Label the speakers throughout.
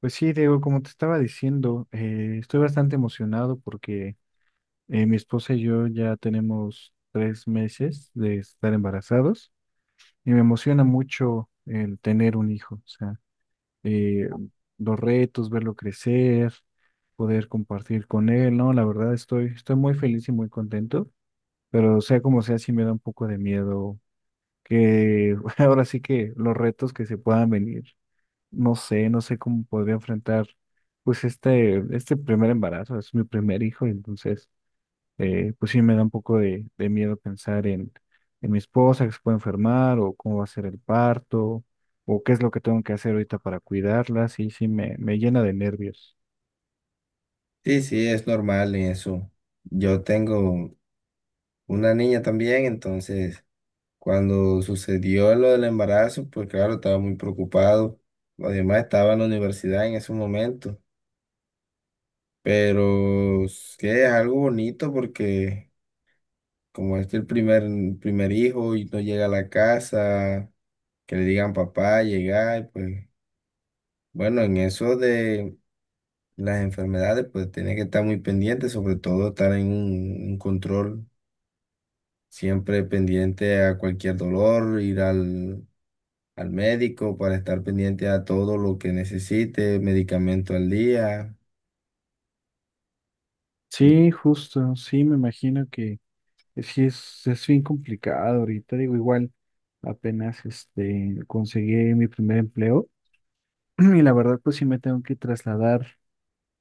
Speaker 1: Pues sí, Diego, como te estaba diciendo, estoy bastante emocionado porque mi esposa y yo ya tenemos 3 meses de estar embarazados y me emociona mucho el tener un hijo, o sea, eh, los retos, verlo crecer, poder compartir con él, ¿no? La verdad estoy muy feliz y muy contento, pero sea como sea, sí me da un poco de miedo que ahora sí que los retos que se puedan venir. No sé cómo podría enfrentar pues este primer embarazo, es mi primer hijo, entonces pues sí me da un poco de miedo pensar en mi esposa que se puede enfermar o cómo va a ser el parto o qué es lo que tengo que hacer ahorita para cuidarla, sí, me llena de nervios.
Speaker 2: Sí, sí, es normal en eso. Yo tengo una niña también, entonces cuando sucedió lo del embarazo, pues claro, estaba muy preocupado. Además estaba en la universidad en ese momento, pero es que es algo bonito porque como este es el primer hijo y no llega a la casa, que le digan papá, llega, y pues bueno, en eso de las enfermedades, pues tiene que estar muy pendiente, sobre todo estar en un control siempre pendiente a cualquier dolor, ir al, al médico para estar pendiente a todo lo que necesite, medicamento al día. Y,
Speaker 1: Sí, justo, sí, me imagino que sí es bien complicado ahorita, digo, igual apenas este conseguí mi primer empleo y la verdad pues sí me tengo que trasladar.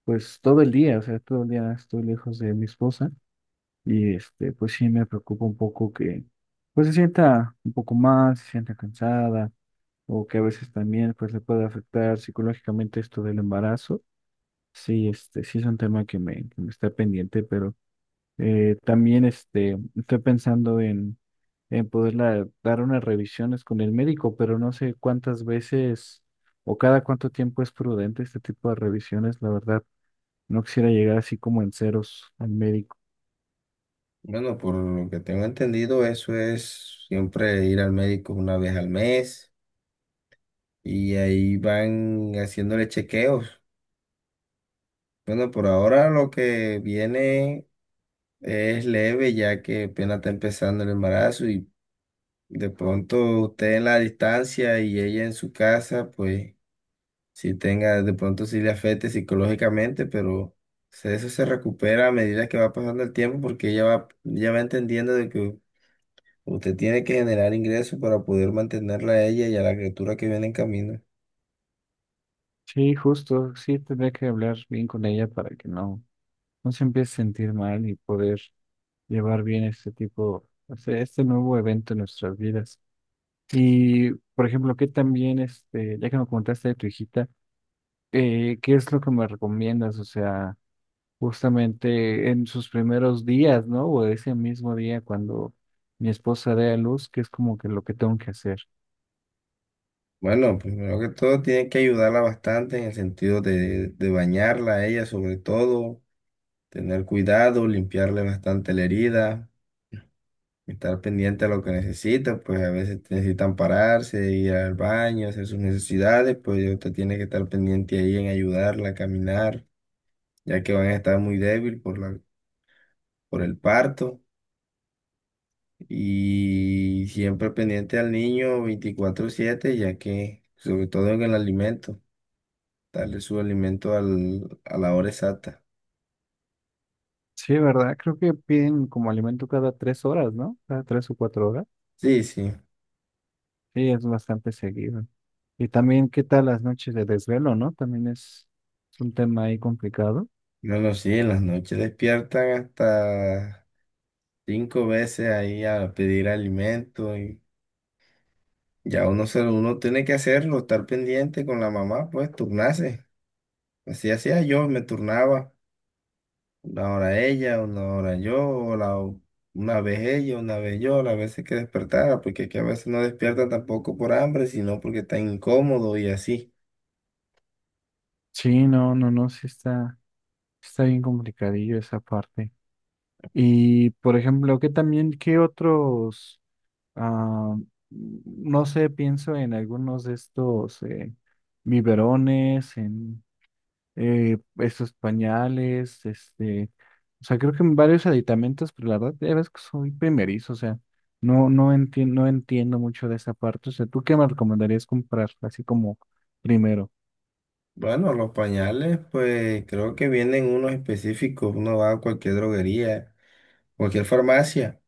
Speaker 1: Pues todo el día, o sea, todo el día estoy lejos de mi esposa y este, pues sí me preocupa un poco que pues se sienta un poco mal, se sienta cansada o que a veces también pues le puede afectar psicológicamente esto del embarazo. Sí, este, sí es un tema que me está pendiente, pero también este, estoy pensando en poderla dar unas revisiones con el médico, pero no sé cuántas veces o cada cuánto tiempo es prudente este tipo de revisiones, la verdad. No quisiera llegar así como en ceros al médico.
Speaker 2: Bueno, por lo que tengo entendido, eso es siempre ir al médico una vez al mes y ahí van haciéndole chequeos. Bueno, por ahora lo que viene es leve ya que apenas está empezando el embarazo y de pronto usted en la distancia y ella en su casa, pues... si tenga, de pronto si le afecte psicológicamente, pero eso se recupera a medida que va pasando el tiempo porque ella va entendiendo de que usted tiene que generar ingresos para poder mantenerla a ella y a la criatura que viene en camino.
Speaker 1: Sí, justo, sí, tendría que hablar bien con ella para que no se empiece a sentir mal y poder llevar bien este tipo, o sea, este nuevo evento en nuestras vidas. Y, por ejemplo, que también, este, ya que me contaste de tu hijita, ¿qué es lo que me recomiendas? O sea, justamente en sus primeros días, ¿no? O ese mismo día cuando mi esposa dé a luz, ¿qué es como que lo que tengo que hacer?
Speaker 2: Bueno, primero que todo tiene que ayudarla bastante en el sentido de bañarla a ella sobre todo, tener cuidado, limpiarle bastante la herida. Estar pendiente a lo que necesitan, pues a veces necesitan pararse, ir al baño, hacer sus necesidades, pues usted tiene que estar pendiente ahí en ayudarla a caminar, ya que van a estar muy débil por el parto y siempre pendiente al niño 24/7, ya que sobre todo en el alimento, darle su alimento al, a la hora exacta.
Speaker 1: Sí, ¿verdad? Creo que piden como alimento cada 3 horas, ¿no? Cada 3 o 4 horas.
Speaker 2: Sí, sí.
Speaker 1: Sí, es bastante seguido. Y también, ¿qué tal las noches de desvelo, no? También es un tema ahí complicado.
Speaker 2: Bueno, sí, en las noches despiertan hasta cinco veces ahí a pedir alimento y ya uno tiene que hacerlo, estar pendiente con la mamá, pues turnarse. Así hacía yo, me turnaba una hora ella, una hora yo, una vez ella, una vez yo, las veces que despertara, porque es que a veces no despierta tampoco por hambre, sino porque está incómodo y así.
Speaker 1: Sí, no, no, no, sí está, está bien complicadillo esa parte. Y, por ejemplo, ¿qué también, qué otros, ah, no sé, pienso en algunos de estos biberones, en estos pañales, este, o sea, creo que varios aditamentos, pero la verdad, ya ves que soy primerizo, o sea, no entiendo, no entiendo mucho de esa parte, o sea, ¿tú qué me recomendarías comprar así como primero?
Speaker 2: Bueno, los pañales, pues creo que vienen unos específicos, uno va a cualquier droguería, cualquier farmacia,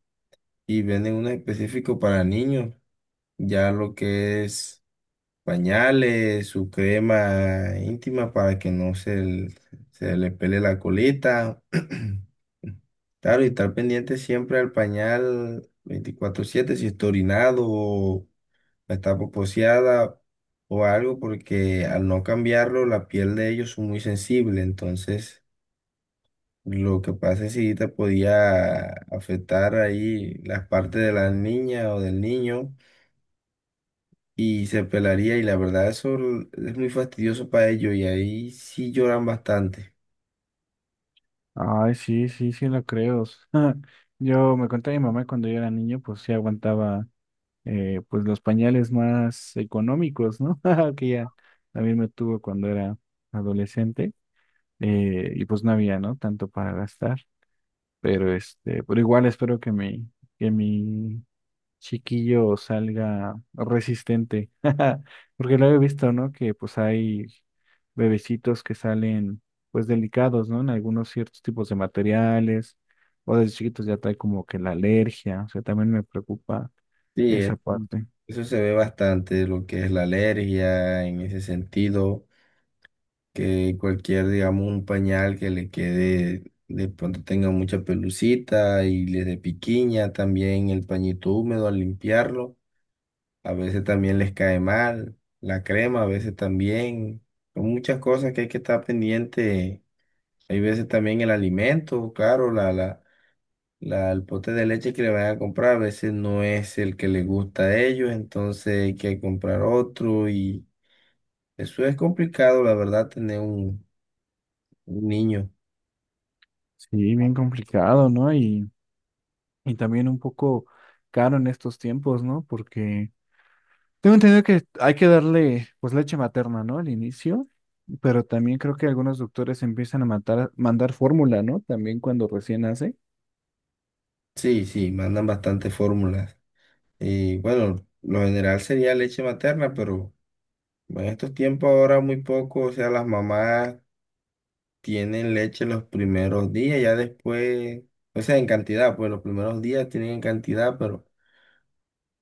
Speaker 2: y venden unos específicos para niños, ya lo que es... pañales, su crema íntima para que no se, l- se le pele la colita. Claro, y estar pendiente siempre al pañal 24/7 si está orinado o está poposeada o algo, porque al no cambiarlo la piel de ellos es muy sensible, entonces lo que pasa es que sí te podía afectar ahí las partes de la niña o del niño y se pelaría y la verdad eso es muy fastidioso para ellos y ahí sí lloran bastante.
Speaker 1: Ay, sí, sí, sí lo creo. Yo me conté a mi mamá cuando yo era niño, pues sí aguantaba pues los pañales más económicos, ¿no? Que ya también me tuvo cuando era adolescente, y pues no había, ¿no? Tanto para gastar. Pero este, pero igual espero que mi chiquillo salga resistente. Porque lo he visto, ¿no? Que pues hay bebecitos que salen pues delicados, ¿no? En algunos ciertos tipos de materiales, o desde chiquitos ya trae como que la alergia. O sea, también me preocupa
Speaker 2: Sí,
Speaker 1: esa parte.
Speaker 2: eso se ve bastante lo que es la alergia en ese sentido, que cualquier, digamos, un pañal que le quede, de pronto tenga mucha pelucita y les dé piquiña, también el pañito húmedo al limpiarlo, a veces también les cae mal, la crema a veces también, son muchas cosas que hay que estar pendiente. Hay veces también el alimento, claro, el pote de leche que le van a comprar a veces no es el que les gusta a ellos, entonces hay que comprar otro y eso es complicado, la verdad, tener un niño.
Speaker 1: Sí, bien complicado, ¿no? Y también un poco caro en estos tiempos, ¿no? Porque tengo entendido que hay que darle pues leche materna, ¿no? Al inicio, pero también creo que algunos doctores empiezan a mandar fórmula, ¿no? También cuando recién nace.
Speaker 2: Sí, sí, mandan bastantes fórmulas. Y bueno, lo general sería leche materna, pero en estos tiempos ahora muy poco, o sea, las mamás tienen leche los primeros días, ya después, o sea, en cantidad, pues los primeros días tienen en cantidad, pero...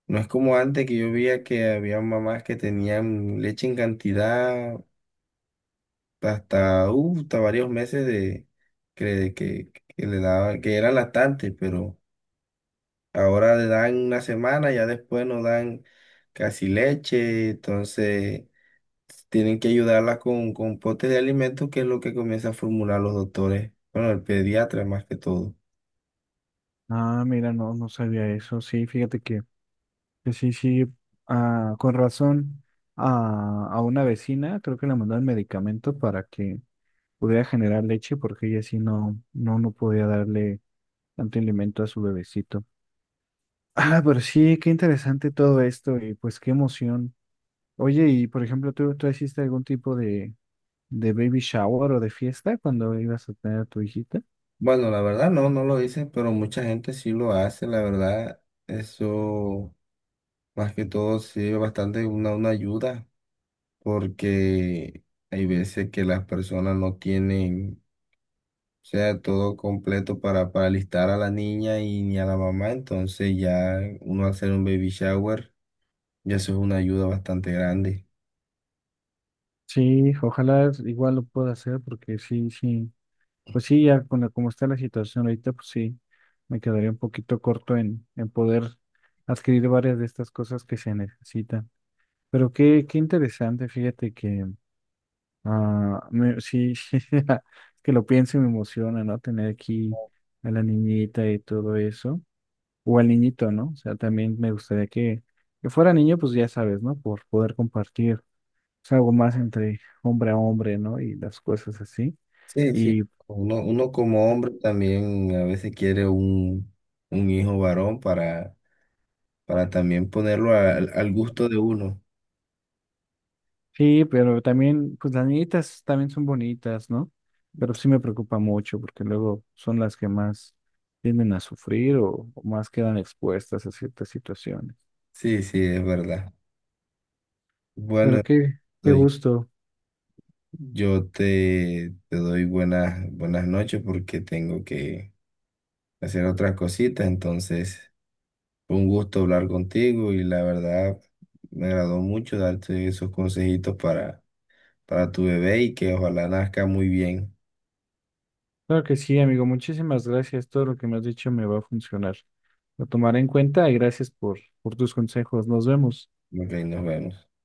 Speaker 2: No es como antes que yo veía que había mamás que tenían leche en cantidad hasta varios meses de que, que, que le daban, que eran lactantes, pero ahora le dan una semana, ya después no dan casi leche, entonces tienen que ayudarla con potes de alimentos, que es lo que comienza a formular los doctores, bueno, el pediatra más que todo.
Speaker 1: Ah, mira, no, no sabía eso. Sí, fíjate que sí, sí, ah, con razón a una vecina creo que le mandaron medicamento para que pudiera generar leche porque ella sí no, no, no podía darle tanto alimento a su bebecito. Ah, pero sí, qué interesante todo esto y pues qué emoción. Oye, y por ejemplo, tú hiciste algún tipo de baby shower o de fiesta cuando ibas a tener a tu hijita?
Speaker 2: Bueno, la verdad no, no lo hice, pero mucha gente sí lo hace, la verdad, eso. Más que todo sirve bastante una ayuda porque hay veces que las personas no tienen, o sea, todo completo para alistar a la niña y ni a la mamá, entonces ya uno hacer un baby shower, ya eso es una ayuda bastante grande.
Speaker 1: Sí, ojalá igual lo pueda hacer porque sí, sí, pues sí, ya con la- como está la situación ahorita, pues sí, me quedaría un poquito corto en poder adquirir varias de estas cosas que se necesitan. Pero qué, qué interesante, fíjate que ah, me- sí, sí, que lo pienso y me emociona, ¿no? Tener aquí a la niñita y todo eso. O al niñito, ¿no? O sea, también me gustaría que fuera niño, pues ya sabes, ¿no? Por poder compartir pues, algo más entre hombre a hombre, ¿no? Y las cosas así.
Speaker 2: Sí, sí.
Speaker 1: Y
Speaker 2: Uno como hombre también a veces quiere un hijo varón para también ponerlo al gusto de uno.
Speaker 1: sí, pero también, pues las niñitas también son bonitas, ¿no? Pero sí me preocupa mucho porque luego son las que más tienden a sufrir o más quedan expuestas a ciertas situaciones.
Speaker 2: Sí, sí, es verdad.
Speaker 1: Pero
Speaker 2: Bueno,
Speaker 1: qué, qué gusto.
Speaker 2: yo te doy buenas noches porque tengo que hacer otras cositas. Entonces, fue un gusto hablar contigo y la verdad me agradó mucho darte esos consejitos para tu bebé y que ojalá nazca muy bien.
Speaker 1: Claro que sí, amigo. Muchísimas gracias. Todo lo que me has dicho me va a funcionar. Lo tomaré en cuenta y gracias por tus consejos. Nos vemos.
Speaker 2: Ok, nos vemos.